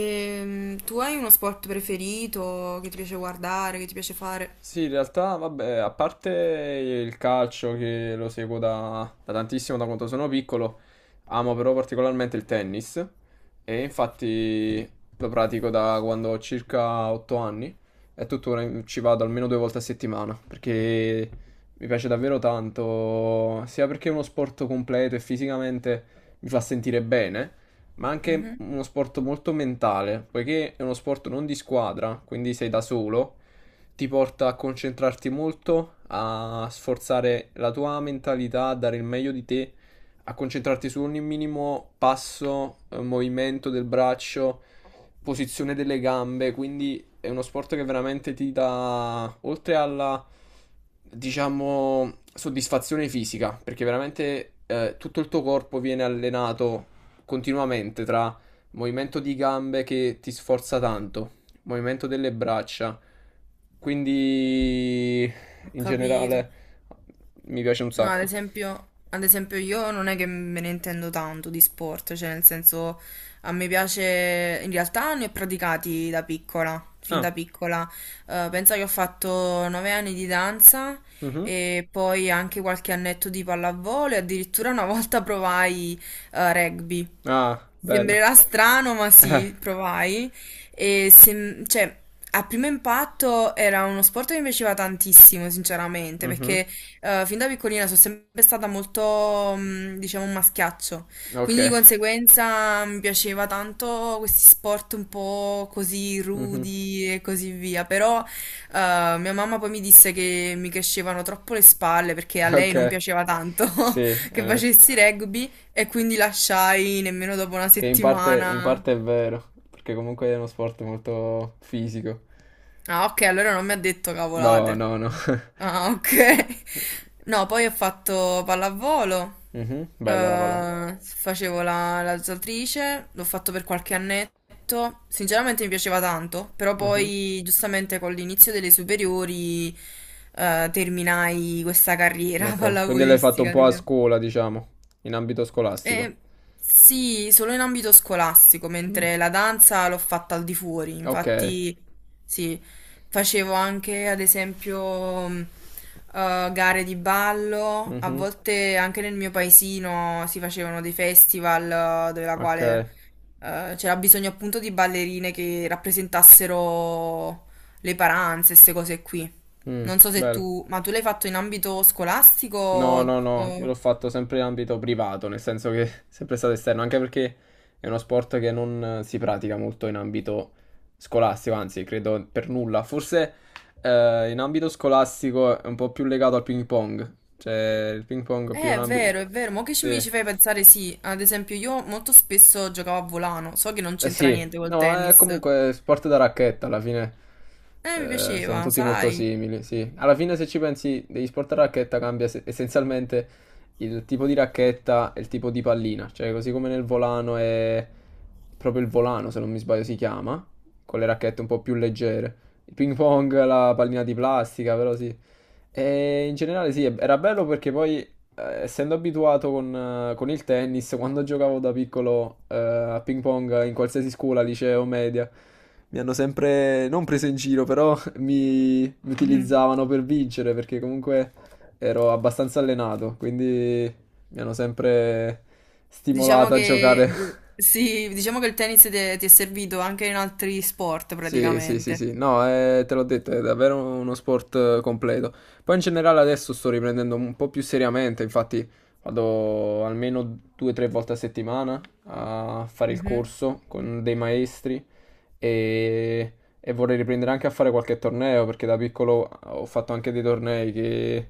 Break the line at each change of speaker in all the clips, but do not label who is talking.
E tu hai uno sport preferito che ti piace guardare, che ti piace fare?
Sì, in realtà, vabbè, a parte il calcio che lo seguo da tantissimo, da quando sono piccolo, amo però particolarmente il tennis e infatti lo pratico da quando ho circa 8 anni e tuttora ci vado almeno 2 volte a settimana perché mi piace davvero tanto, sia perché è uno sport completo e fisicamente mi fa sentire bene, ma anche
Mhm.
uno sport molto mentale, poiché è uno sport non di squadra, quindi sei da solo, ti porta a concentrarti molto, a sforzare la tua mentalità, a dare il meglio di te, a concentrarti su ogni minimo passo, movimento del braccio, posizione delle gambe, quindi è uno sport che veramente ti dà, oltre alla, diciamo, soddisfazione fisica, perché veramente tutto il tuo corpo viene allenato continuamente tra movimento di gambe che ti sforza tanto, movimento delle braccia. Quindi
Ho
in
capito.
generale mi piace un
No,
sacco.
ad esempio io non è che me ne intendo tanto di sport, cioè nel senso a me piace, in realtà ne ho praticati da piccola, fin
Ah,
da piccola. Penso che ho fatto 9 anni di danza
mhm.
e poi anche qualche annetto di pallavolo e addirittura una volta provai rugby.
Ah,
Ti
bello.
sembrerà strano, ma
Eh,
sì, provai. Cioè, a primo impatto era uno sport che mi piaceva tantissimo, sinceramente,
mhm.
perché fin da piccolina sono sempre stata molto, diciamo, un maschiaccio.
Ok.
Quindi di conseguenza mi piaceva tanto questi sport un po' così
Mhm.
rudi e così via. Però mia mamma poi mi disse che mi crescevano troppo le spalle perché a lei non
Ok.
piaceva tanto
Sì,
che
eh,
facessi rugby. E quindi lasciai nemmeno dopo una
che in
settimana.
parte è vero, perché comunque è uno sport molto fisico.
Ah, ok, allora non mi ha detto
No,
cavolate.
no, no.
Ah, ok. No, poi ho fatto pallavolo,
Mh-mh. Bella la pallamano.
facevo la nuotatrice, l'ho fatto per qualche annetto. Sinceramente mi piaceva tanto, però
Mh-mh.
poi giustamente con l'inizio delle superiori terminai questa carriera
Okay, quindi l'hai fatto un
pallavolistica,
po' a
diciamo.
scuola, diciamo, in ambito scolastico.
Eh, sì, solo in ambito scolastico, mentre la danza l'ho fatta al di fuori,
Okay.
infatti sì, facevo anche ad esempio gare di ballo, a
Mh-mh.
volte anche nel mio paesino si facevano dei festival, dove la quale
Okay.
c'era bisogno appunto di ballerine che rappresentassero le paranze, queste cose qui.
Mh,
Non so se
bello.
tu, ma tu l'hai fatto in ambito
No,
scolastico
no, no, io
o...
l'ho fatto sempre in ambito privato, nel senso che è sempre stato esterno, anche perché è uno sport che non si pratica molto in ambito scolastico, anzi, credo per nulla. Forse, in ambito scolastico è un po' più legato al ping pong, cioè il ping pong è più un ambi.
È vero, ma che mi
Sì.
ci fai pensare, sì. Ad esempio, io molto spesso giocavo a volano, so che non
Eh
c'entra
sì,
niente col
no, è
tennis.
comunque sport da racchetta alla fine.
Mi
Eh, sono
piaceva,
tutti molto
sai.
simili, sì. Alla fine, se ci pensi, degli sport a racchetta cambia essenzialmente il tipo di racchetta e il tipo di pallina. Cioè, così come nel volano è proprio il volano, se non mi sbaglio, si chiama, con le racchette un po' più leggere. Il ping pong, la pallina di plastica, però sì. E in generale sì, era bello perché poi, essendo abituato con il tennis, quando giocavo da piccolo a ping pong in qualsiasi scuola, liceo, media, mi hanno sempre, non preso in giro, però mi
Mm.
utilizzavano per vincere perché comunque ero abbastanza allenato, quindi mi hanno sempre
Diciamo
stimolato a
che
giocare.
sì, diciamo che il tennis ti è servito anche in altri sport
Sì, sì, sì,
praticamente.
sì, no, te l'ho detto, è davvero uno sport completo. Poi in generale adesso sto riprendendo un po' più seriamente, infatti vado almeno 2 o 3 volte a settimana a fare il
Mhm.
corso con dei maestri e, e vorrei riprendere anche a fare qualche torneo perché da piccolo ho fatto anche dei tornei che,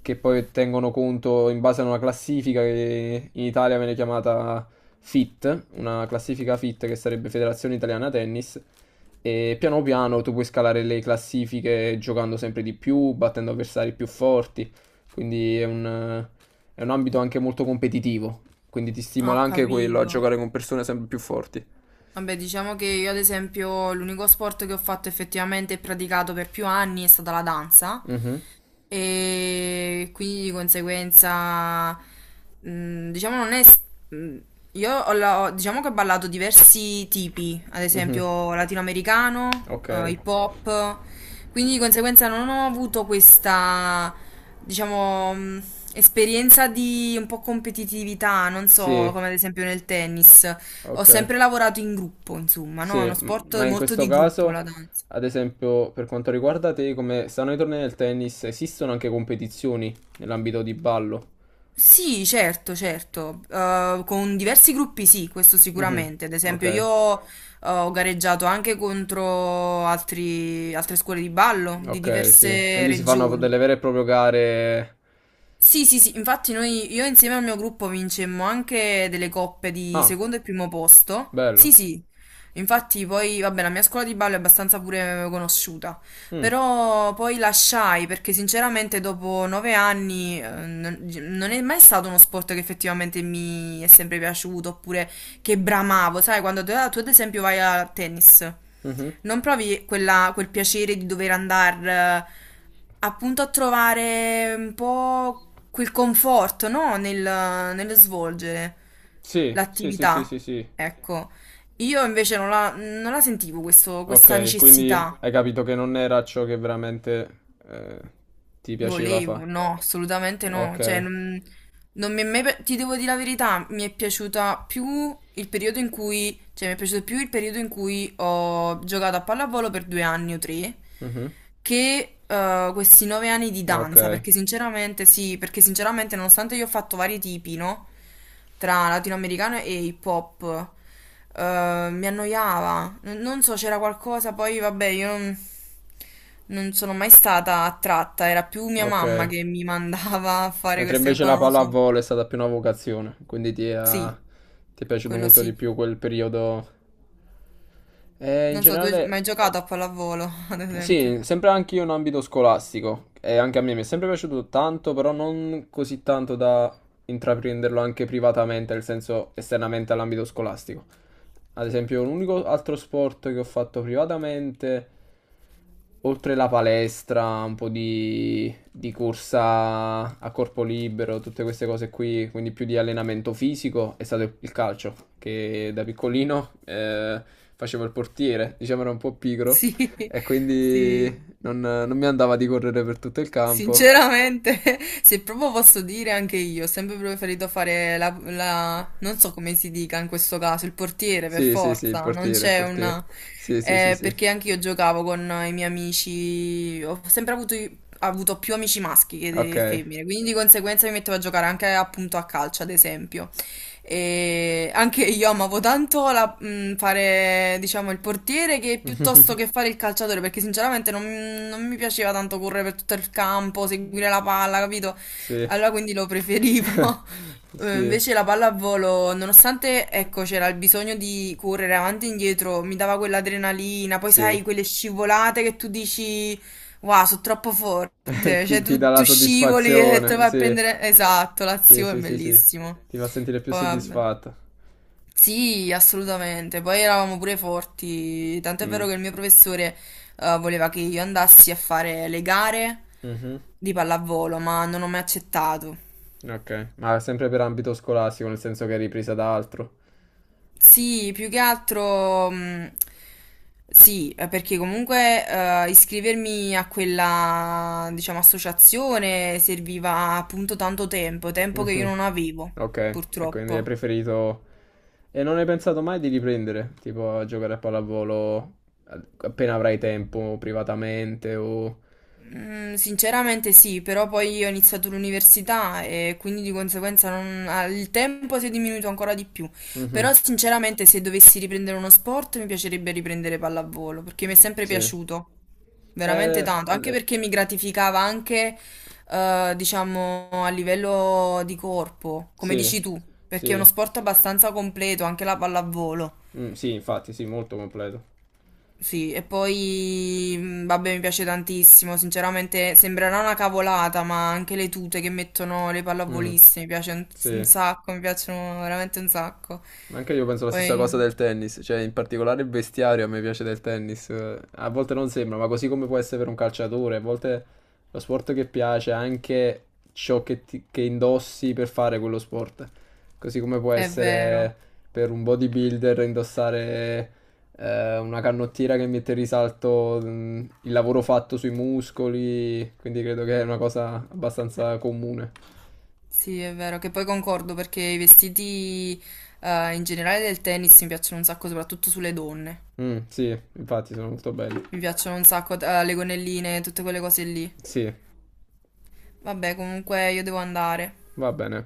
che poi tengono conto in base a una classifica che in Italia viene chiamata FIT, una classifica FIT che sarebbe Federazione Italiana Tennis. E piano piano tu puoi scalare le classifiche giocando sempre di più, battendo avversari più forti, quindi è un ambito anche molto competitivo, quindi ti
Ho
stimola anche quello a
capito.
giocare con persone sempre più forti.
Vabbè, diciamo che io ad esempio l'unico sport che ho fatto effettivamente e praticato per più anni è stata la danza.
Mhm.
E quindi di conseguenza, diciamo, non è. Mh, Io diciamo che ho ballato diversi tipi, ad
Mhm.
esempio latinoamericano,
Ok.
hip hop, quindi di conseguenza non ho avuto questa, diciamo, esperienza di un po' competitività, non so,
Sì,
come ad esempio nel tennis. Ho
ok.
sempre lavorato in gruppo, insomma, no? È
Sì,
uno sport
ma in
molto
questo
di gruppo,
caso,
la danza.
ad esempio, per quanto riguarda te, come stanno i tornei del tennis, esistono anche competizioni nell'ambito di ballo?
Sì, certo, certo. Con diversi gruppi sì, questo
Mhm.
sicuramente. Ad
Ok.
esempio, io ho gareggiato anche contro altre scuole di ballo di
Ok, sì.
diverse
Quindi si fanno
regioni.
delle vere e proprie gare.
Sì, sì, sì, infatti noi, io insieme al mio gruppo vincemmo anche delle coppe di
Ah,
secondo e primo posto.
bello.
Sì, sì, infatti poi, vabbè, la mia scuola di ballo è abbastanza pure conosciuta,
Mm,
però poi lasciai perché sinceramente dopo 9 anni non è mai stato uno sport che effettivamente mi è sempre piaciuto, oppure che bramavo, sai, quando tu ad esempio vai a tennis,
mhm.
non provi quel piacere di dover andare appunto a trovare un po' quel conforto, no? Nello svolgere
Sì, sì, sì, sì,
l'attività.
sì, sì.
Ecco, io invece non non la sentivo questa
Ok, quindi
necessità.
hai capito che non era ciò che veramente eh, ti piaceva
Volevo,
fare.
no, assolutamente no.
Ok.
Cioè, non... Non mi è mai... Ti devo dire la verità, mi è piaciuta più il periodo in cui... Cioè, mi è piaciuto più il periodo in cui ho giocato a pallavolo per 2 anni o 3
Mhm.
che questi nove anni di
Ok,
danza, perché sinceramente sì, perché sinceramente nonostante io ho fatto vari tipi, no? Tra latinoamericano e hip hop, mi annoiava. Non so, c'era qualcosa, poi vabbè, io non, non sono mai stata attratta, era più mia
ok.
mamma che mi mandava a fare
Mentre
queste cose,
invece
poi
la
non lo so.
pallavolo è stata più una vocazione, quindi ti è,
Sì,
ti è piaciuto
quello
molto di
sì.
più quel periodo. In
Non so, tu hai
generale
mai giocato a pallavolo, ad esempio?
sì, sempre anche io in ambito scolastico, e anche a me mi è sempre piaciuto tanto, però non così tanto da intraprenderlo anche privatamente, nel senso esternamente all'ambito scolastico. Ad esempio, l'unico altro sport che ho fatto privatamente, oltre la palestra, un po' di corsa a corpo libero, tutte queste cose qui, quindi più di allenamento fisico, è stato il calcio, che da piccolino facevo il portiere, diciamo era un po' pigro.
Sì,
E quindi
sì.
non mi andava di correre per tutto il campo.
Sinceramente, se proprio posso dire anche io, ho sempre preferito fare non so come si dica in questo caso, il portiere per
Sì, sì, sì, il
forza, non
portiere, il
c'è
portiere.
una...
Sì, sì, sì, sì.
Perché anche io giocavo con i miei amici, ho sempre avuto più amici maschi che
Ok.
femmine, quindi di conseguenza mi mettevo a giocare anche appunto a calcio, ad esempio. E anche io amavo tanto fare, diciamo, il portiere, che piuttosto che fare il calciatore, perché sinceramente non, non mi piaceva tanto correre per tutto il campo, seguire la palla, capito?
Sì.
Allora quindi lo preferivo.
Sì,
Invece la pallavolo, nonostante, ecco, c'era il bisogno di correre avanti e indietro, mi dava quell'adrenalina, poi
sì.
sai, quelle scivolate che tu dici, wow, sono troppo forte,
Ti,
cioè
ti dà
tu,
la
tu scivoli e te
soddisfazione,
vai a
sì.
prendere, esatto,
Sì,
l'azione,
sì, sì, sì.
bellissimo.
Ti fa sentire più
Poi, vabbè.
soddisfatto.
Sì, assolutamente. Poi eravamo pure forti. Tant'è vero
Mm.
che il mio professore voleva che io andassi a fare le gare
Mhm.
di pallavolo, ma non ho mai accettato.
Ok. Ma sempre per ambito scolastico, nel senso che è ripresa da altro.
Sì, più che altro. Sì, perché comunque iscrivermi a quella, diciamo, associazione serviva appunto tanto tempo, tempo che io
Mhm.
non avevo,
Ok, e quindi hai
purtroppo.
preferito... E non hai pensato mai di riprendere, tipo a giocare a pallavolo appena avrai tempo, privatamente o...
Mm. Sinceramente sì, però poi io ho iniziato l'università e quindi di conseguenza ah, il tempo si è diminuito ancora di più.
Mhm.
Però sinceramente se dovessi riprendere uno sport mi piacerebbe riprendere pallavolo perché mi è sempre
Sì.
piaciuto veramente
Eh,
tanto, anche
eh,
perché mi gratificava anche, diciamo, a livello di corpo, come
sì,
dici tu, perché è uno
sì,
sport abbastanza completo, anche la pallavolo.
mm, sì, infatti, sì, molto completo.
Sì, e poi, vabbè, mi piace tantissimo, sinceramente sembrerà una cavolata, ma anche le tute che mettono le
Mm,
pallavoliste mi piace un
sì.
sacco, mi piacciono veramente un sacco.
Ma anche io penso la stessa cosa
Poi,
del tennis, cioè in particolare il vestiario a me piace del tennis, a volte non sembra, ma così come può essere per un calciatore, a volte lo sport che piace è anche ciò che, che indossi per fare quello sport, così come può
è
essere
vero,
per un bodybuilder indossare una canottiera che mette in risalto mm, il lavoro fatto sui muscoli, quindi credo che è una cosa abbastanza comune.
sì, è vero, che poi concordo perché i vestiti, in generale del tennis mi piacciono un sacco, soprattutto sulle donne.
Mm, sì, infatti sono molto belli.
Mi piacciono un sacco, le gonnelline, tutte quelle cose lì.
Sì,
Vabbè, comunque io devo andare.
va bene.